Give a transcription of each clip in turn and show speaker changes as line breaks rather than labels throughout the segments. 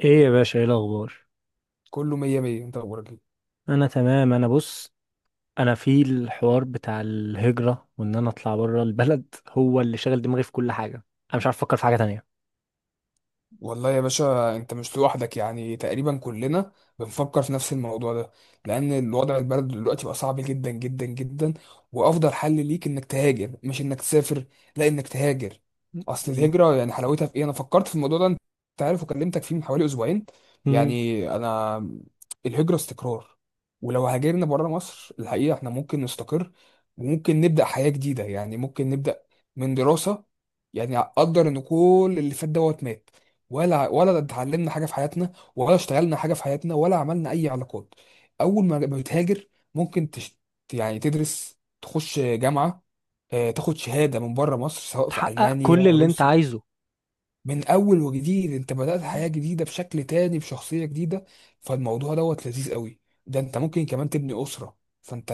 ايه يا باشا، ايه الاخبار؟
كله مية مية، انت اخبارك ايه؟
انا تمام. انا بص، انا في الحوار بتاع الهجرة وان انا اطلع بره البلد هو اللي شاغل دماغي في كل حاجة. انا مش عارف افكر في حاجة تانية.
والله يا باشا، انت مش لوحدك، يعني تقريبا كلنا بنفكر في نفس الموضوع ده. لان الوضع البلد دلوقتي بقى صعب جدا جدا جدا. وافضل حل ليك انك تهاجر، مش انك تسافر، لا انك تهاجر. اصل الهجرة يعني حلاوتها في ايه. انا فكرت في الموضوع ده، انت عارف، وكلمتك فيه من حوالي اسبوعين.
امم.
يعني انا، الهجرة استقرار. ولو هاجرنا بره مصر الحقيقة احنا ممكن نستقر، وممكن نبدأ حياة جديدة، يعني ممكن نبدأ من دراسة. يعني اقدر ان كل اللي فات دوت مات، ولا اتعلمنا حاجه في حياتنا، ولا اشتغلنا حاجه في حياتنا، ولا عملنا اي علاقات. اول ما بتهاجر، ممكن يعني تدرس تخش جامعه. تاخد شهاده من بره مصر، سواء في
تحقق
المانيا،
كل اللي انت
روسيا.
عايزه.
من اول وجديد، انت بدأت حياة
مم.
جديدة بشكل تاني، بشخصية جديدة. فالموضوع دوت لذيذ قوي. ده انت ممكن كمان تبني أسرة، فانت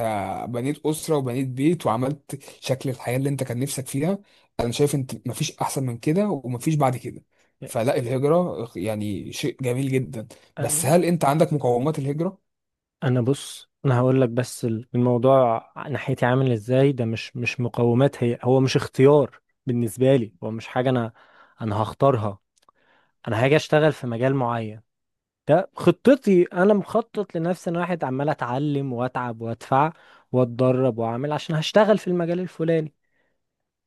بنيت أسرة وبنيت بيت وعملت شكل الحياة اللي انت كان نفسك فيها. انا شايف، انت مفيش احسن من كده ومفيش بعد كده. فلا، الهجرة يعني شيء جميل جدا. بس
انا
هل انت عندك مقومات الهجرة؟
أنا بص، انا هقول لك بس، الموضوع ناحيتي عامل ازاي ده مش مقومات، هي هو مش اختيار. بالنسبة لي هو مش حاجة انا هختارها. انا هاجي اشتغل في مجال معين، ده خطتي، انا مخطط لنفسي. انا واحد عمال اتعلم واتعب وادفع واتدرب واعمل عشان هشتغل في المجال الفلاني.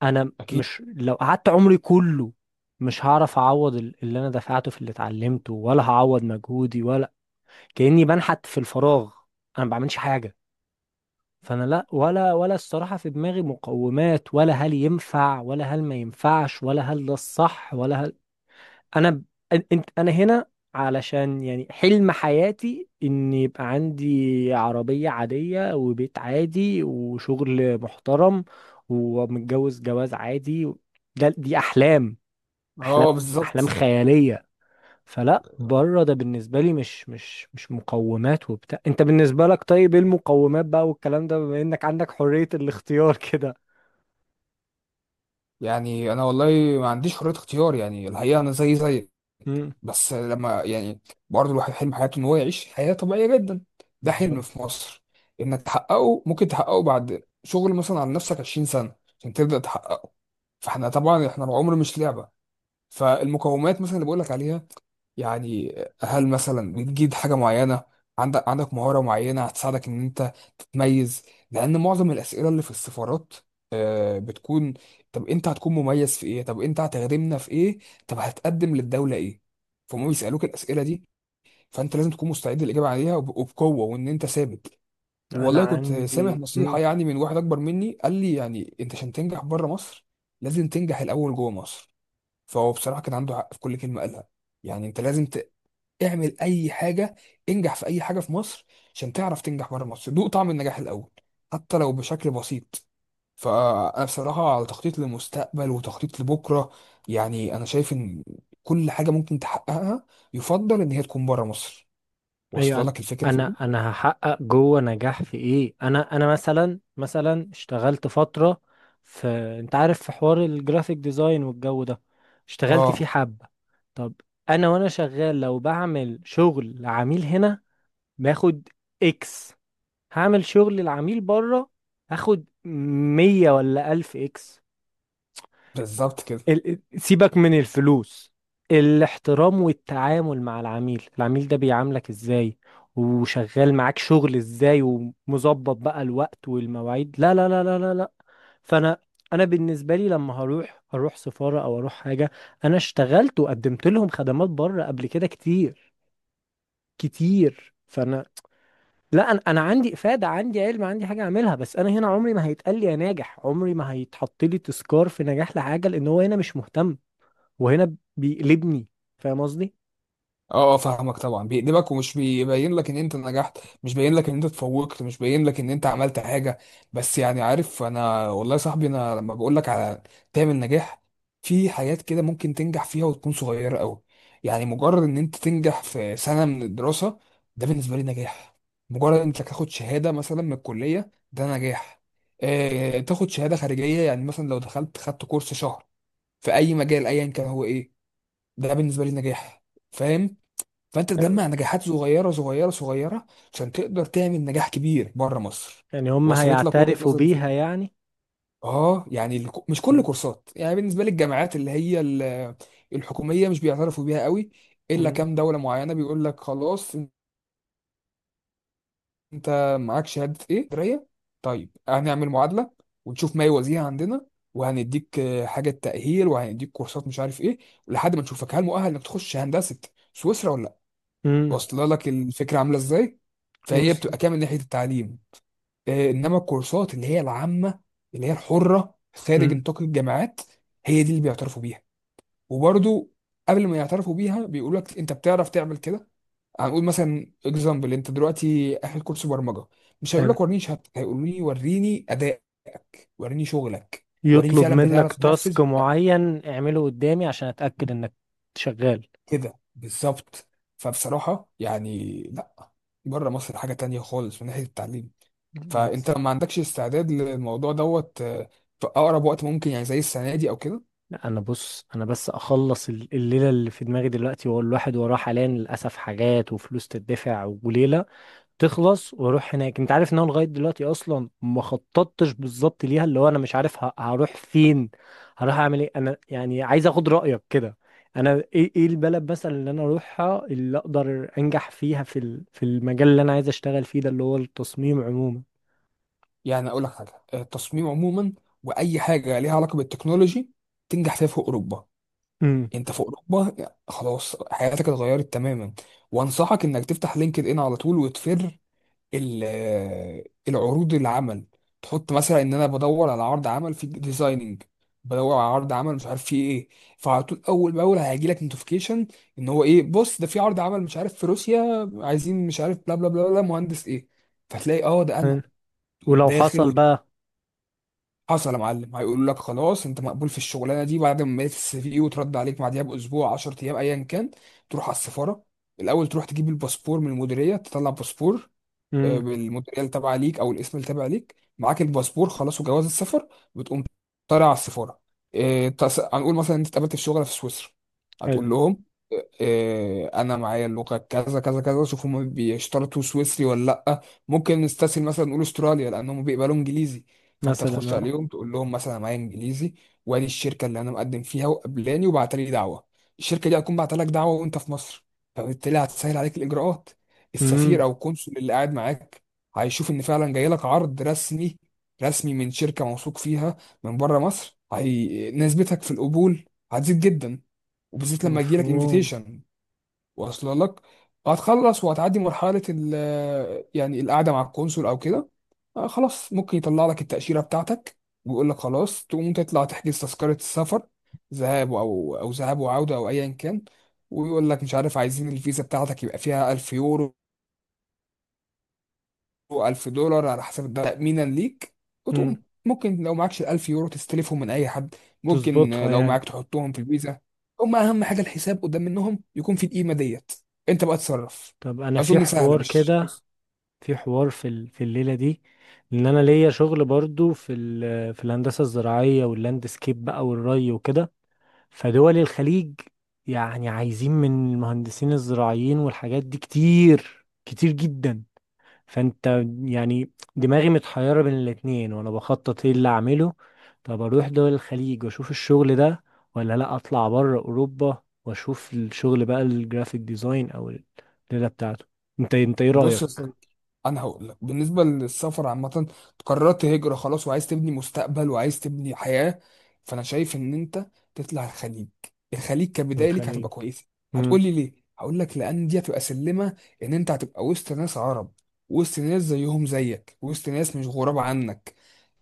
انا
اكيد.
مش لو قعدت عمري كله مش هعرف اعوض اللي انا دفعته في اللي اتعلمته، ولا هعوض مجهودي ولا كأني بنحت في الفراغ. انا ما بعملش حاجة. فانا لا ولا الصراحة في دماغي مقومات، ولا هل ينفع ولا هل ما ينفعش، ولا هل ده الصح ولا هل. انا ب- أن- انت انا هنا علشان يعني حلم حياتي ان يبقى عندي عربية عادية وبيت عادي وشغل محترم ومتجوز جواز عادي. ده دي احلام، احلام،
اه،
احلام
بالظبط.
خيالية. فلا بره ده بالنسبة لي مش مقومات وبتاع. انت بالنسبة لك، طيب، ايه المقومات بقى والكلام ده بما انك عندك حرية الاختيار كده؟
يعني انا والله ما عنديش حرية اختيار، يعني الحقيقة انا زي زيك.
امم.
بس لما يعني برضه الواحد حلم حياته ان هو يعيش حياة طبيعية جدا. ده حلم في
بالظبط.
مصر انك تحققه، ممكن تحققه بعد شغل مثلا على نفسك 20 سنة عشان تبدأ تحققه. فاحنا طبعا، احنا العمر مش لعبة. فالمقومات مثلا اللي بقول لك عليها، يعني هل مثلا بتجيد حاجة معينة، عندك مهارة معينة هتساعدك إن أنت تتميز؟ لأن معظم الأسئلة اللي في السفارات بتكون، طب أنت هتكون مميز في إيه؟ طب أنت هتخدمنا في إيه؟ طب هتقدم للدولة إيه؟ فهم بيسألوك الأسئلة دي، فأنت لازم تكون مستعد للإجابة عليها وبقوة، وإن أنت ثابت.
انا
والله كنت سامع
عندي.
نصيحة يعني من واحد أكبر مني، قال لي يعني أنت عشان تنجح بره مصر لازم تنجح الأول جوه مصر. فهو بصراحة كان عنده حق في كل كلمة قالها. يعني انت لازم اعمل اي حاجه، انجح في اي حاجه في مصر عشان تعرف تنجح بره مصر، دوق طعم النجاح الاول، حتى لو بشكل بسيط. فانا بصراحه على تخطيط للمستقبل وتخطيط لبكره. يعني انا شايف ان كل حاجه ممكن تحققها، يفضل ان هي تكون بره مصر. واصله
ايوه،
لك الفكره في
انا
ايه؟
انا هحقق جوه نجاح في ايه؟ انا مثلا اشتغلت فتره في، انت عارف، في حوار الجرافيك ديزاين والجو ده. اشتغلت فيه
اه،
حبه. طب، انا وانا شغال لو بعمل شغل لعميل هنا باخد اكس، هعمل شغل لعميل بره هاخد 100 ولا 1000 اكس.
بالظبط كده.
سيبك من الفلوس، الاحترام والتعامل مع العميل. العميل ده بيعاملك ازاي، وشغال معاك شغل ازاي، ومظبط بقى الوقت والمواعيد، لا لا لا لا لا لا. فانا بالنسبه لي لما اروح سفاره او اروح حاجه، انا اشتغلت وقدمت لهم خدمات بره قبل كده كتير كتير، فانا، لا، انا عندي افاده، عندي علم، عندي حاجه اعملها، بس انا هنا عمري ما هيتقال لي يا ناجح، عمري ما هيتحط لي تذكار في نجاح لحاجه، لان هو هنا مش مهتم. وهنا بيقلبني، فاهم قصدي؟
اه، اه، فاهمك طبعا، بيقلبك ومش بيبين لك ان انت نجحت، مش باين لك ان انت اتفوقت، مش باين لك ان انت عملت حاجه. بس يعني عارف، انا والله يا صاحبي، انا لما بقول لك على تعمل نجاح، في حاجات كده ممكن تنجح فيها وتكون صغيره قوي. يعني مجرد ان انت تنجح في سنه من الدراسه، ده بالنسبه لي نجاح. مجرد انك تاخد شهاده مثلا من الكليه، ده نجاح. اه، تاخد شهاده خارجيه، يعني مثلا لو دخلت خدت كورس شهر في اي مجال ايا كان هو ايه، ده بالنسبه لي نجاح. فاهم؟ فانت
آه.
تجمع نجاحات صغيره صغيره صغيره، عشان تقدر تعمل نجاح كبير بره مصر.
يعني هم
وصلت لك وجهه
هيعترفوا
نظري في؟
بيها يعني؟
اه، يعني مش كل
مم.
كورسات، يعني بالنسبه للجامعات اللي هي الحكوميه مش بيعترفوا بيها قوي، الا
مم.
كام دوله معينه بيقول لك خلاص، انت معاك شهاده ايه دريه، طيب هنعمل معادله ونشوف ما يوازيها عندنا، وهنديك حاجه تاهيل، وهنديك كورسات مش عارف ايه، لحد ما نشوفك هل مؤهل انك تخش هندسه سويسرا ولا.
مم.
واصله لك الفكره عامله ازاي؟ فهي
وصل.
بتبقى كامل ناحيه التعليم. انما الكورسات اللي هي العامه، اللي هي الحره خارج
مم.
نطاق الجامعات، هي دي اللي بيعترفوا بيها. وبرضو، قبل ما يعترفوا بيها، بيقول لك انت بتعرف تعمل كده. هنقول مثلا اكزامبل انت دلوقتي اخد كورس برمجه، مش هيقول
حلو.
لك وريني شهادتك، هيقول لي وريني ادائك، وريني شغلك، وريني
يطلب
فعلا
منك
بتعرف تنفذ.
تاسك معين اعمله قدامي عشان اتاكد انك شغال.
كده بالظبط. فبصراحه يعني، لا، بره مصر حاجه تانية خالص من ناحيه التعليم.
بس.
فانت ما عندكش استعداد للموضوع دوت في اقرب وقت ممكن، يعني زي السنه دي او كده؟
لا، انا بص، انا بس اخلص الليله اللي في دماغي دلوقتي، هو الواحد وراه حاليا للاسف حاجات وفلوس تدفع وليله تخلص واروح هناك. انت عارف ان انا لغايه دلوقتي اصلا ما خططتش بالظبط ليها، اللي هو انا مش عارف هروح فين، هروح اعمل ايه. انا يعني عايز اخد رايك كده، انا ايه البلد مثلا اللي انا اروحها اللي اقدر انجح فيها في المجال اللي انا عايز اشتغل فيه ده اللي هو التصميم عموما؟
يعني اقول لك حاجه، التصميم عموما واي حاجه ليها علاقه بالتكنولوجي، تنجح فيها في اوروبا.
امم.
انت في اوروبا خلاص حياتك اتغيرت تماما. وانصحك انك تفتح لينكد ان على طول، وتفر العروض العمل، تحط مثلا ان انا بدور على عرض عمل في ديزايننج، بدور على عرض عمل مش عارف فيه ايه. فعلى طول، اول باول هيجي لك نوتيفيكيشن ان هو ايه، بص ده في عرض عمل مش عارف في روسيا عايزين مش عارف بلا بلا بلا بلا مهندس ايه. فتلاقي اه ده
حلو.
انا، تقوم
ولو
داخل.
حصل بقى.
وحصل يا معلم، هيقول لك خلاص انت مقبول في الشغلانه دي بعد ما ميت السي في، وترد عليك بعديها باسبوع، 10 ايام ايا كان. تروح على السفاره، الاول تروح تجيب الباسبور من المديريه تطلع باسبور،
امم.
بالموديل تبع ليك او الاسم اللي تبع ليك، معاك الباسبور خلاص وجواز السفر. بتقوم طالع على السفاره، هنقول مثلا انت اتقابلت في شغل في سويسرا،
حلو.
هتقول لهم انا معايا اللغه كذا كذا كذا، شوف هم بيشترطوا سويسري ولا لا. ممكن نستسهل مثلا نقول استراليا، لان هم بيقبلوا انجليزي. فانت
مثلا
تخش
اه.
عليهم تقول لهم مثلا، أنا معايا انجليزي، وادي الشركه اللي انا مقدم فيها وقبلاني وبعت لي دعوه. الشركه دي هتكون بعت لك دعوه وانت في مصر، فبالتالي هتسهل عليك الاجراءات.
امم.
السفير او القنصل اللي قاعد معاك هيشوف ان فعلا جاي لك عرض رسمي، رسمي من شركه موثوق فيها من بره مصر، هي نسبتك في القبول هتزيد جدا، وبالذات لما يجي لك
مفهوم.
انفيتيشن. واصل لك؟ هتخلص وهتعدي مرحله ال، يعني القعده مع القنصل او كده. خلاص ممكن يطلع لك التاشيره بتاعتك، ويقول لك خلاص تقوم تطلع تحجز تذكره السفر، ذهاب او ذهاب وعوده، او ايا كان. ويقول لك مش عارف عايزين الفيزا بتاعتك يبقى فيها 1000 يورو، 1000 دولار على حسب الدولار تأمينا ليك.
امم.
وتقوم ممكن لو معكش الألف يورو تستلفهم من أي حد، ممكن
تظبطها
لو
يعني.
معاك تحطهم في الفيزا. هم أهم حاجة الحساب قدام منهم يكون في القيمة ديت، أنت بقى تتصرف.
طب انا في
أظن سهلة،
حوار
مش؟
كده، في حوار في الليله دي، ان انا ليا شغل برضو في الهندسه الزراعيه واللاندسكيب بقى والري وكده. فدول الخليج يعني عايزين من المهندسين الزراعيين والحاجات دي كتير كتير جدا. فانت يعني دماغي متحيره بين الاتنين، وانا بخطط ايه اللي اعمله. طب اروح دول الخليج واشوف الشغل ده، ولا لا اطلع بره اوروبا واشوف الشغل بقى الجرافيك ديزاين او الليله بتاعته؟ انت ايه
بص يا
رايك؟
صديقي، انا هقول لك، بالنسبه للسفر عامه، قررت هجره خلاص وعايز تبني مستقبل وعايز تبني حياه، فانا شايف ان انت تطلع الخليج. الخليج
من
كبدايه ليك
الخليج.
هتبقى كويسه.
مم.
هتقول لي ليه؟ هقول لك لان دي هتبقى سلمه، ان انت هتبقى وسط ناس عرب، وسط ناس زيهم زيك، وسط ناس مش غراب عنك.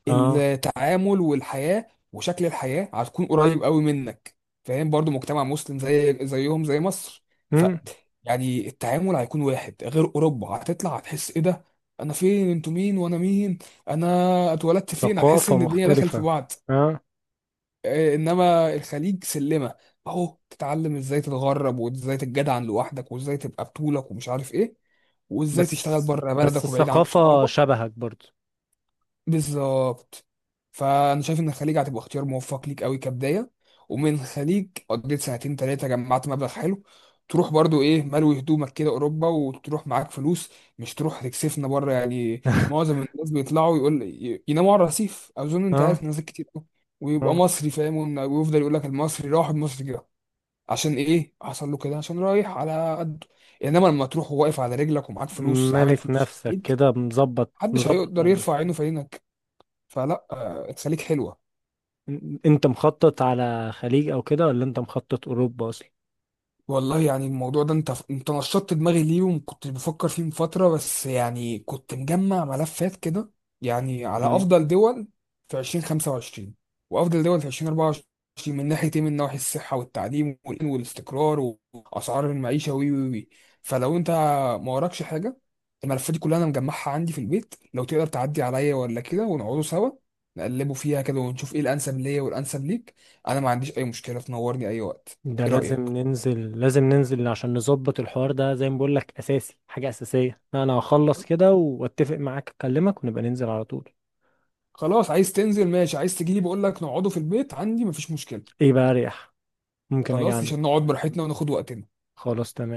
اه.
التعامل والحياة وشكل الحياة هتكون قريب قوي منك. فاهم؟ برضو مجتمع مسلم زي زيهم زي مصر. ف،
مم.
يعني التعامل هيكون واحد، غير اوروبا هتطلع هتحس ايه ده، انا فين، انتوا مين وانا مين، انا اتولدت فين، هتحس
ثقافة
ان الدنيا دخلت في
مختلفة.
بعض.
اه.
انما الخليج سلمة، اهو تتعلم ازاي تتغرب، وازاي تتجدعن لوحدك، وازاي تبقى بطولك ومش عارف ايه، وازاي
بس
تشتغل بره
بس
بلدك وبعيد عن
الثقافة
صحابك.
شبهك برضو.
بالظبط. فانا شايف ان الخليج هتبقى اختيار موفق ليك قوي كبدايه. ومن الخليج قضيت سنتين ثلاثه، جمعت مبلغ حلو، تروح برضو ايه ملوي هدومك كده اوروبا وتروح معاك فلوس، مش تروح تكسفنا بره يعني. معظم الناس بيطلعوا يقول يناموا على الرصيف، اظن انت
اه،
عارف ناس كتير أوي. ويبقى
اه.
مصري فاهم ويفضل يقول لك المصري راح المصري جه. عشان ايه حصل له كده؟ عشان رايح على قده. انما لما تروح واقف على رجلك ومعاك فلوس عامل
مالك
فلوس في
نفسك
الخليج،
كده، مظبط
محدش
مظبط
هيقدر يرفع
أرضك.
عينه في. فلا، تخليك حلوه.
انت مخطط على خليج او كده، ولا انت مخطط اوروبا اصلا؟
والله يعني الموضوع ده انت نشطت دماغي ليه، وكنت بفكر فيه من فترة، بس يعني كنت مجمع ملفات كده، يعني على
مم.
افضل دول في 2025، وافضل دول في 2024، من ناحية ايه، من ناحية الصحة والتعليم والامن والاستقرار، واسعار المعيشة وي وي وي فلو انت ما وراكش حاجة، الملفات دي كلها انا مجمعها عندي في البيت، لو تقدر تعدي عليا ولا كده ونقعدوا سوا، نقلبوا فيها كده ونشوف ايه الانسب ليا والانسب ليك. انا ما عنديش اي مشكلة، تنورني اي وقت.
ده
ايه
لازم
رأيك؟
ننزل، لازم ننزل عشان نظبط الحوار ده، زي ما بقول لك اساسي، حاجة اساسية. انا هخلص كده واتفق معاك، اكلمك ونبقى ننزل على طول.
خلاص، عايز تنزل ماشي، عايز تجيلي بقول لك نقعده في البيت عندي، مفيش مشكله.
ايه بقى اريح، ممكن اجي
خلاص،
عنه.
عشان نقعد براحتنا وناخد وقتنا.
خلاص، تمام.